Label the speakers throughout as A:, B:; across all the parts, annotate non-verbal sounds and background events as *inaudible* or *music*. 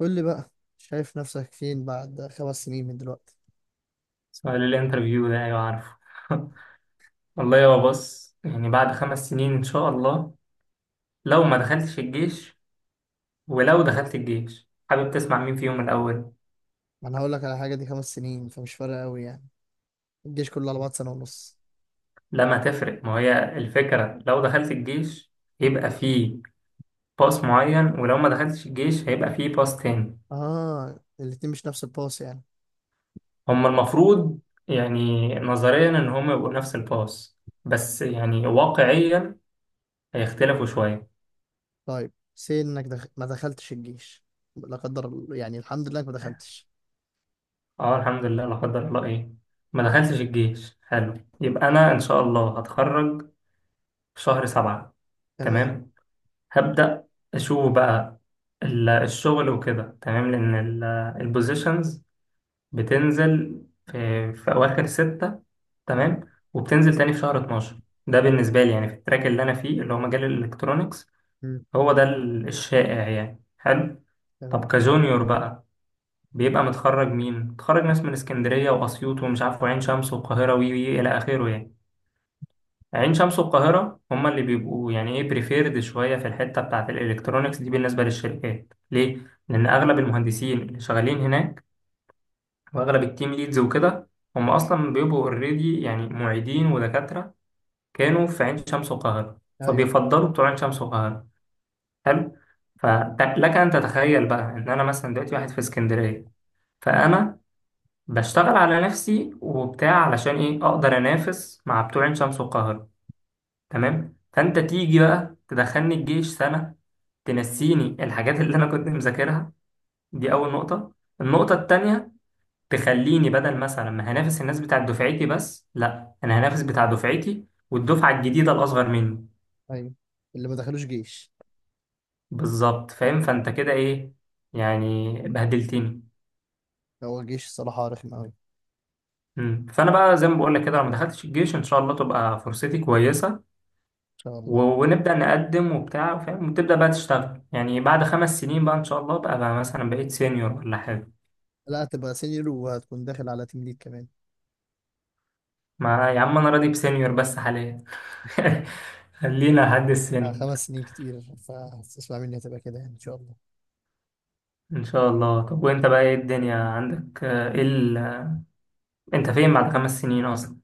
A: قول لي بقى، شايف نفسك فين بعد 5 سنين من دلوقتي؟
B: سؤال الانترفيو ده، ايوه عارفه. *laughs* والله يا بص، يعني بعد 5 سنين ان شاء الله. لو ما دخلتش الجيش ولو دخلت الجيش، حابب تسمع مين فيهم الاول؟
A: ما انا هقول لك على حاجه، دي 5 سنين فمش فارقه قوي يعني. الجيش كله على بعض سنه ونص.
B: لما تفرق، ما هي الفكرة لو دخلت الجيش يبقى فيه باس معين، ولو ما دخلتش الجيش هيبقى فيه باس تاني.
A: اه، الاتنين مش نفس الباص يعني.
B: هما المفروض، يعني نظريا، ان هما يبقوا نفس الباس، بس يعني واقعيا هيختلفوا شوية.
A: طيب سي انك ما دخلتش الجيش. لا قدر الله- يعني الحمد لله انك ما دخلتش.
B: اه الحمد لله، لا قدر الله، ايه، ما دخلتش الجيش، حلو. يبقى انا ان شاء الله هتخرج في شهر 7.
A: تمام.
B: تمام، هبدأ اشوف بقى الشغل وكده. تمام لان البوزيشنز بتنزل في اواخر ستة.
A: مم.
B: تمام، وبتنزل تاني في شهر 12. ده بالنسبة لي، يعني في التراك اللي انا فيه، اللي هو مجال الالكترونيكس،
A: مم.
B: هو ده الشائع، يعني حلو. طب
A: تمام.
B: كجونيور بقى، بيبقى متخرج مين؟ متخرج ناس من اسكندرية وأسيوط ومش عارف وعين شمس والقاهرة وي وي إلى آخره يعني. عين شمس والقاهرة هما اللي بيبقوا يعني إيه بريفيرد شوية في الحتة بتاعة الإلكترونيكس دي. بالنسبة للشركات ليه؟ لأن أغلب المهندسين اللي شغالين هناك وأغلب التيم ليدز وكده، هم أصلا بيبقوا أوريدي يعني معيدين ودكاترة، كانوا في عين شمس والقاهرة،
A: ايوه.
B: فبيفضلوا بتوع عين شمس والقاهرة. حلو؟ فلك أن تتخيل بقى إن أنا مثلا دلوقتي واحد في اسكندرية،
A: ايوه.
B: فأنا بشتغل على نفسي وبتاع علشان ايه اقدر انافس مع بتوع عين شمس والقاهره. تمام، فانت تيجي بقى تدخلني الجيش سنه، تنسيني الحاجات اللي انا كنت مذاكرها. دي اول نقطه. النقطه التانية، تخليني بدل مثلا ما هنافس الناس بتاع دفعتي بس، لا، انا هنافس بتاع دفعتي والدفعه الجديده الاصغر مني.
A: ايوه، اللي ما دخلوش جيش.
B: بالظبط فاهم. فانت كده ايه يعني، بهدلتني.
A: هو الجيش الصراحه رخم قوي ان
B: مم. فانا بقى زي ما بقول لك كده، لما دخلتش الجيش ان شاء الله تبقى فرصتي كويسه،
A: شاء الله.
B: ونبدأ نقدم وبتاع فاهم، وتبدأ بقى تشتغل. يعني بعد خمس سنين بقى إن شاء الله بقى مثلا بقيت سينيور ولا حاجة.
A: لا، هتبقى سينيور وهتكون داخل على تيم ليد كمان.
B: ما يا عم أنا راضي بسينيور بس حاليا. *laughs* خلينا لحد السينيور.
A: خمس سنين كتير، فاسمع مني هتبقى كده يعني ان شاء الله.
B: إن شاء الله. طب وأنت بقى إيه الدنيا عندك؟ إيه أنت فين بعد خمس سنين أصلا؟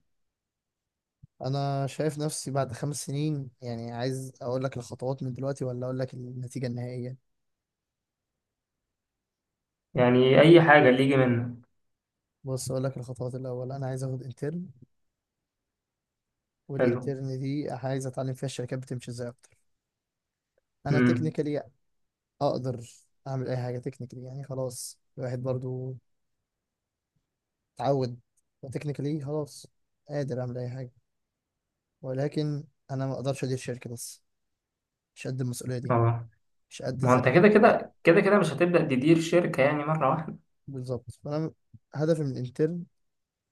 A: انا شايف نفسي بعد 5 سنين، يعني عايز اقول لك الخطوات من دلوقتي ولا اقول لك النتيجة النهائية؟
B: يعني أي حاجة اللي يجي منك.
A: بص اقول لك الخطوات، الاول انا عايز اخد انترن.
B: حلو.
A: والانترن دي عايز اتعلم فيها الشركات بتمشي ازاي اكتر. انا
B: أمم.
A: تكنيكالي اقدر اعمل اي حاجة تكنيكالي، يعني خلاص الواحد برضو اتعود تكنيكالي خلاص قادر اعمل اي حاجة، ولكن انا ما اقدرش ادير شركة بس. مش قد المسؤولية دي.
B: أه.
A: مش قد
B: ما هو
A: ازاي.
B: أنت كده كده كده كده مش هتبدأ تدير شركة يعني مرة واحدة.
A: بالظبط، فانا هدفي من الانترن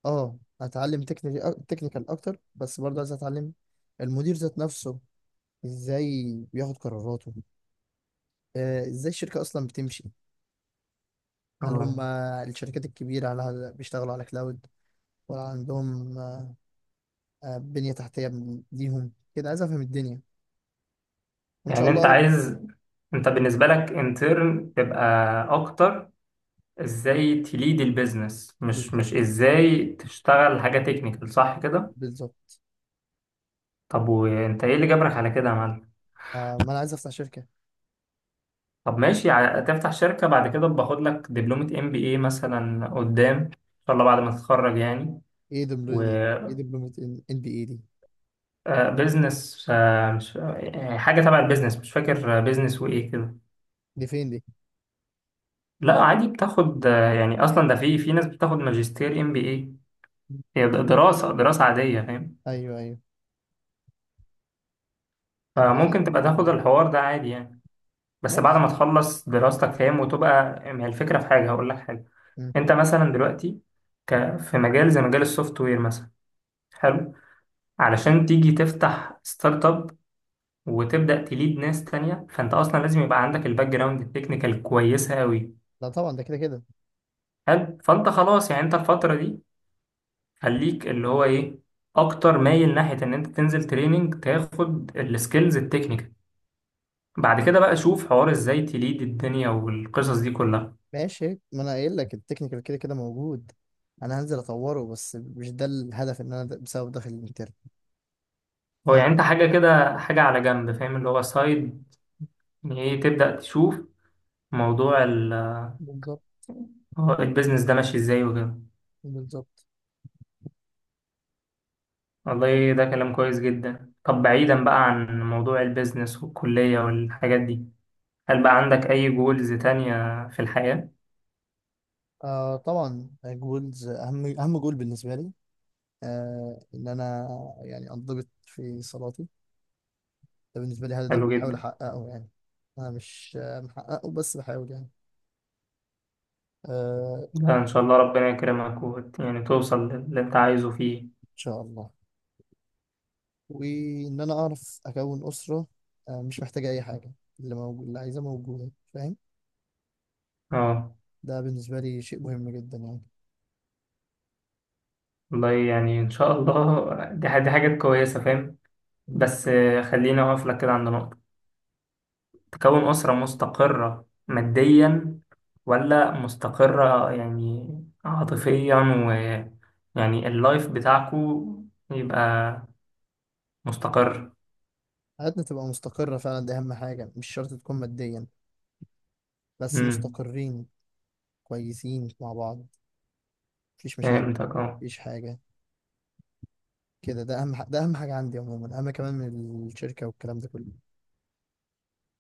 A: اه اتعلم تكنيكال تكنيكال اكتر، بس برضه عايز اتعلم المدير ذات نفسه ازاي بياخد قراراته. ازاي الشركة اصلا بتمشي. هل هم
B: أه،
A: الشركات الكبيرة على بيشتغلوا على كلاود ولا عندهم بنية تحتية ليهم كده؟ عايز افهم الدنيا وان شاء
B: يعني أنت
A: الله.
B: عايز، أنت
A: أول-
B: بالنسبة لك انترن تبقى أكتر ازاي تليد البيزنس، مش
A: بالظبط،
B: مش ازاي تشتغل حاجة تكنيكال، صح كده؟
A: بالظبط.
B: طب وانت ايه اللي جبرك على كده يا معلم؟
A: ما انا عايز افتح شركة.
B: طب ماشي، تفتح شركة. بعد كده باخد لك دبلومة ام بي اي مثلا قدام، ان شاء الله بعد ما تتخرج يعني.
A: ايه دبلومة؟ ايه دبلومة ان بي اي دي؟
B: وبزنس، مش حاجة تبع البيزنس مش فاكر، بيزنس وايه كده.
A: دي فين دي؟
B: لا عادي بتاخد يعني اصلا ده في ناس بتاخد ماجستير ام بي اي. هي دراسة عادية فاهم.
A: ايوه، ايوه. طب كويس انك
B: فممكن تبقى
A: عرفتنا
B: تاخد
A: ده.
B: الحوار ده عادي يعني، بس بعد
A: ماشي.
B: ما تخلص دراستك فاهم. وتبقى، ما هي الفكرة، في حاجة هقول لك حاجة.
A: مم.
B: انت مثلا دلوقتي في مجال زي مجال السوفت وير مثلا، حلو، علشان تيجي تفتح ستارت اب وتبدأ تليد ناس تانية، فانت اصلا لازم يبقى عندك الباك جراوند التكنيكال كويسة قوي.
A: لا طبعا، ده كده كده.
B: حلو. فانت خلاص يعني، انت الفترة دي خليك اللي هو ايه، اكتر مايل ناحية ان انت تنزل تريننج تاخد السكيلز التكنيكال. بعد كده بقى شوف حوار ازاي تليد الدنيا والقصص دي كلها.
A: ماشي، ما انا قايل لك التكنيكال كده كده موجود. انا هنزل اطوره بس مش ده الهدف ان انا بسبب داخل الانترن.
B: هو يعني
A: فاهم.
B: انت حاجة كده، حاجة على جنب فاهم، اللي هو سايد. يعني ايه، تبدأ تشوف موضوع
A: بالظبط،
B: هو البيزنس ده ماشي ازاي وكده.
A: بالظبط.
B: والله ده كلام كويس جدا. طب بعيدا بقى عن موضوع البيزنس والكلية والحاجات دي، هل بقى عندك أي جولز تانية في الحياة؟
A: آه طبعا جولز، اهم اهم جول بالنسبه لي. ان انا يعني انضبط في صلاتي. ده بالنسبه لي هدف
B: حلو
A: بحاول
B: جدا.
A: احققه يعني. انا مش محققه بس بحاول يعني. آه
B: ده إن شاء الله ربنا يكرمك، يعني توصل للي أنت عايزه فيه.
A: ان شاء الله. وان انا اعرف اكون اسره. مش محتاجه اي حاجه، اللي موجود اللي عايزاه موجوده، فاهم.
B: اه.
A: ده بالنسبة لي شيء مهم جدا يعني.
B: والله يعني إن شاء الله. *laughs* دي حاجات كويسة فاهم.
A: مم.
B: بس خليني أقف لك كده عند نقطة. تكون أسرة مستقرة ماديا؟ ولا مستقرة يعني عاطفيا؟ ويعني اللايف بتاعكو يبقى مستقر؟
A: حياتنا تبقى مستقرة فعلا، دي أهم حاجة مش شرط تكون ماديا، بس
B: امم.
A: مستقرين كويسين مع بعض، مفيش مشاكل،
B: فهمتك. اه.
A: مفيش حاجة كده. ده أهم حاجة عندي عموما، أهم كمان من الشركة والكلام ده كله.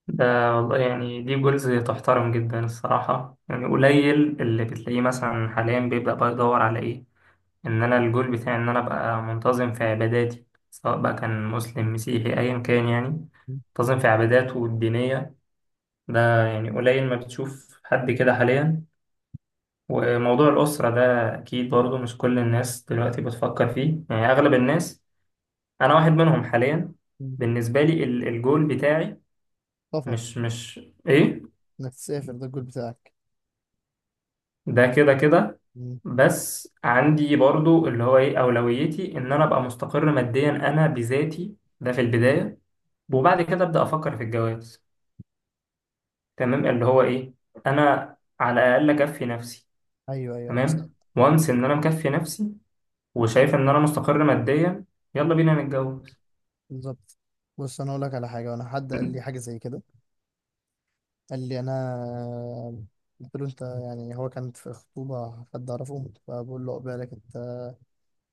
B: ده والله يعني دي جولز تحترم جدا الصراحة. يعني قليل اللي بتلاقيه مثلا حاليا بيبدأ بقى يدور على ايه، ان انا الجول بتاعي ان انا ابقى منتظم في عباداتي، سواء بقى كان مسلم مسيحي ايا كان يعني،
A: مم.
B: منتظم في عباداته الدينية. ده يعني قليل ما بتشوف حد كده حاليا. وموضوع الأسرة ده أكيد برضه مش كل الناس دلوقتي بتفكر فيه. يعني أغلب الناس، أنا واحد منهم حاليا.
A: مم.
B: بالنسبة لي الجول بتاعي
A: سفر.
B: مش إيه،
A: إنك تسافر ده الجول بتاعك.
B: ده كده كده.
A: مم.
B: بس عندي برضه اللي هو إيه، أولويتي إن أنا أبقى مستقر ماديا أنا بذاتي ده في البداية،
A: مم.
B: وبعد كده أبدأ أفكر في الجواز. تمام، اللي هو إيه، أنا على الأقل أكفي نفسي.
A: أيوه، أيوه، بس.
B: تمام، وانس ان انا مكفي نفسي وشايف ان انا مستقر ماديا، يلا بينا نتجوز.
A: بالظبط. بص، أنا أقول لك على حاجة وأنا حد قال لي
B: م-
A: حاجة زي كده. قال لي أنا قلت له أنت يعني، هو كانت في خطوبة حد أعرفه فبقول له عقبالك أنت.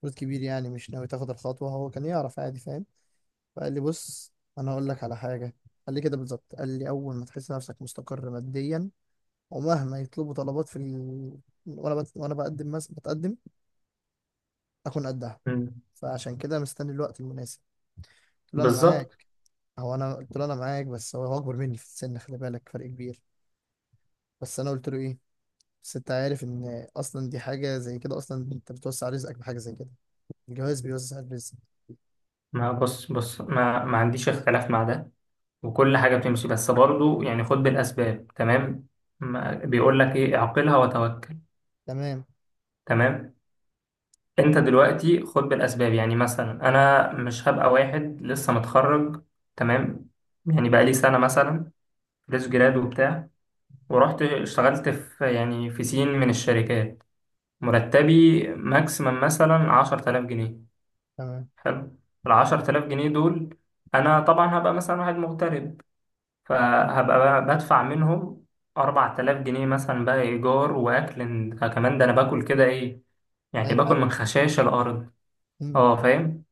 A: جزء كبير يعني مش ناوي تاخد الخطوة، هو كان يعرف عادي فاهم. فقال لي بص، أنا هقول لك على حاجة. قال لي كده بالظبط، قال لي أول ما تحس نفسك مستقر ماديا، ومهما يطلبوا طلبات في وأنا بقدم بتقدم أكون قدها.
B: م-
A: فعشان كده مستني الوقت المناسب. قلت له أنا
B: بالظبط.
A: معاك. هو أنا قلت له أنا معاك، بس هو أكبر مني في السن، خلي بالك فرق كبير. بس أنا قلت له إيه، بس أنت عارف إن أصلا دي حاجة زي كده، أصلا أنت بتوسع رزقك بحاجة زي كده، الجواز بيوسع الرزق.
B: ما بص بص، ما عنديش اختلاف مع ده وكل حاجة بتمشي. بس برضه يعني خد بالأسباب، تمام؟ ما بيقول لك ايه؟ اعقلها وتوكل.
A: تمام.
B: تمام. انت دلوقتي خد بالأسباب. يعني مثلا انا مش هبقى واحد لسه متخرج، تمام؟ يعني بقى لي سنة مثلا، فريش جراد وبتاع، ورحت اشتغلت يعني في سين من الشركات. مرتبي ماكسيمم مثلا 10000 جنيه.
A: تمام.
B: حلو. العشر تلاف جنيه دول، أنا طبعا هبقى مثلا واحد مغترب، فهبقى بقى بدفع منهم أربع تلاف جنيه مثلا بقى إيجار وأكل. كمان ده أنا باكل كده إيه، يعني
A: أي
B: باكل
A: حاجة.
B: من خشاش الأرض. أه فاهم.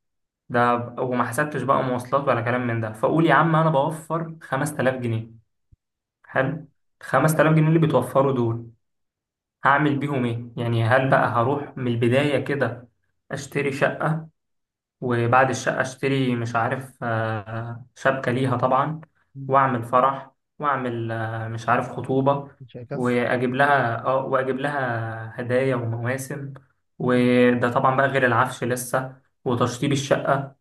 B: ده وما حسبتش بقى مواصلات ولا كلام من ده. فقول يا عم أنا بوفر خمس تلاف جنيه. حلو. خمس تلاف جنيه اللي بتوفروا دول هعمل بيهم إيه؟ يعني هل بقى هروح من البداية كده أشتري شقة؟ وبعد الشقة اشتري مش عارف شبكة ليها طبعا، واعمل فرح، واعمل مش عارف خطوبة،
A: مش هيكفي.
B: واجيب لها هدايا ومواسم. وده طبعا بقى غير العفش لسه وتشطيب الشقة.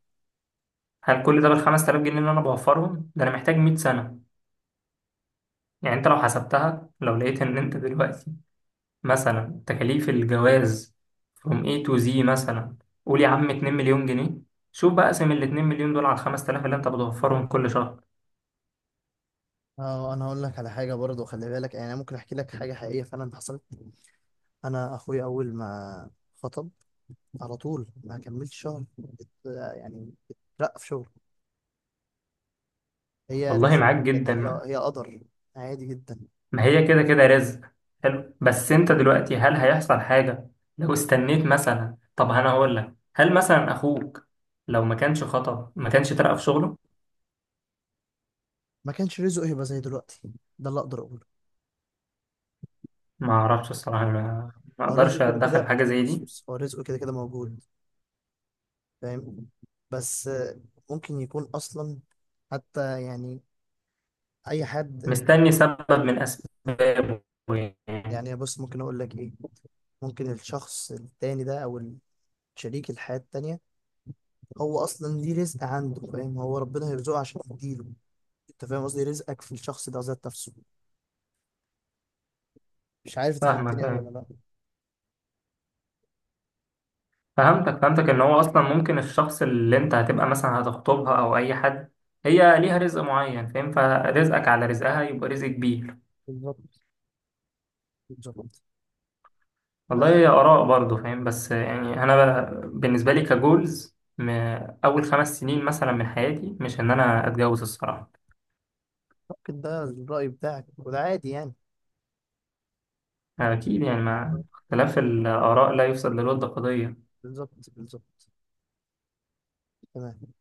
B: هل كل ده بالخمس تلاف جنيه اللي انا بوفرهم ده؟ انا محتاج 100 سنة. يعني انت لو حسبتها، لو لقيت ان انت دلوقتي مثلا تكاليف الجواز from A to Z مثلا، قول يا عم 2 مليون جنيه. شوف بقى، اقسم ال 2 مليون دول على ال 5000 اللي انت بتوفرهم كل شهر.
A: اه، انا هقول لك على حاجه برضه خلي بالك يعني، انا ممكن احكي لك حاجه حقيقيه فعلا حصلت. انا اخويا اول ما خطب، على طول ما كملتش شهر ات- يعني اترقى في شغل. هي
B: والله
A: رزق.
B: معاك
A: بجد،
B: جدا.
A: هي هي قدر. عادي جدا.
B: ما هي كده كده رزق. حلو، بس انت دلوقتي هل هيحصل حاجة لو استنيت مثلا؟ طب انا هقول لك، هل مثلا اخوك لو ما كانش خطب ما كانش ترقى في شغله؟
A: ما كانش رزقه يبقى زي دلوقتي، ده اللي اقدر اقوله.
B: ما اعرفش الصراحة، ما
A: هو رزق
B: اقدرش
A: كده
B: اتدخل في
A: كده.
B: حاجة زي
A: بص
B: دي.
A: بص، هو رزقه كده كده موجود. فاهم، بس ممكن يكون اصلا، حتى يعني اي حد.
B: مستني سبب من اسبابه يعني.
A: يعني بص، ممكن اقول لك ايه، ممكن الشخص التاني ده او شريك الحياة التانية هو اصلا ليه رزق عنده، فاهم؟ هو ربنا هيرزقه عشان يديله. انت فاهم قصدي، رزقك في الشخص ده ذات نفسه. مش عارف انت فهمتني قوي ولا
B: فاهمك.
A: لا؟
B: فهمتك، ان هو اصلا ممكن الشخص اللي انت هتبقى مثلا هتخطبها او اي حد، هي ليها رزق معين فاهم، فرزقك على رزقها يبقى رزق كبير.
A: بالظبط، بالظبط.
B: والله هي
A: تمام.
B: اراء برضه فاهم. بس يعني انا بالنسبه لي كجولز، اول خمس سنين مثلا من حياتي مش ان انا اتجوز الصراحه.
A: ممكن ده الرأي بتاعك وده عادي يعني.
B: اكيد يعني، مع اختلاف الاراء لا يفسد للود قضيه.
A: بالظبط، بالظبط. تمام.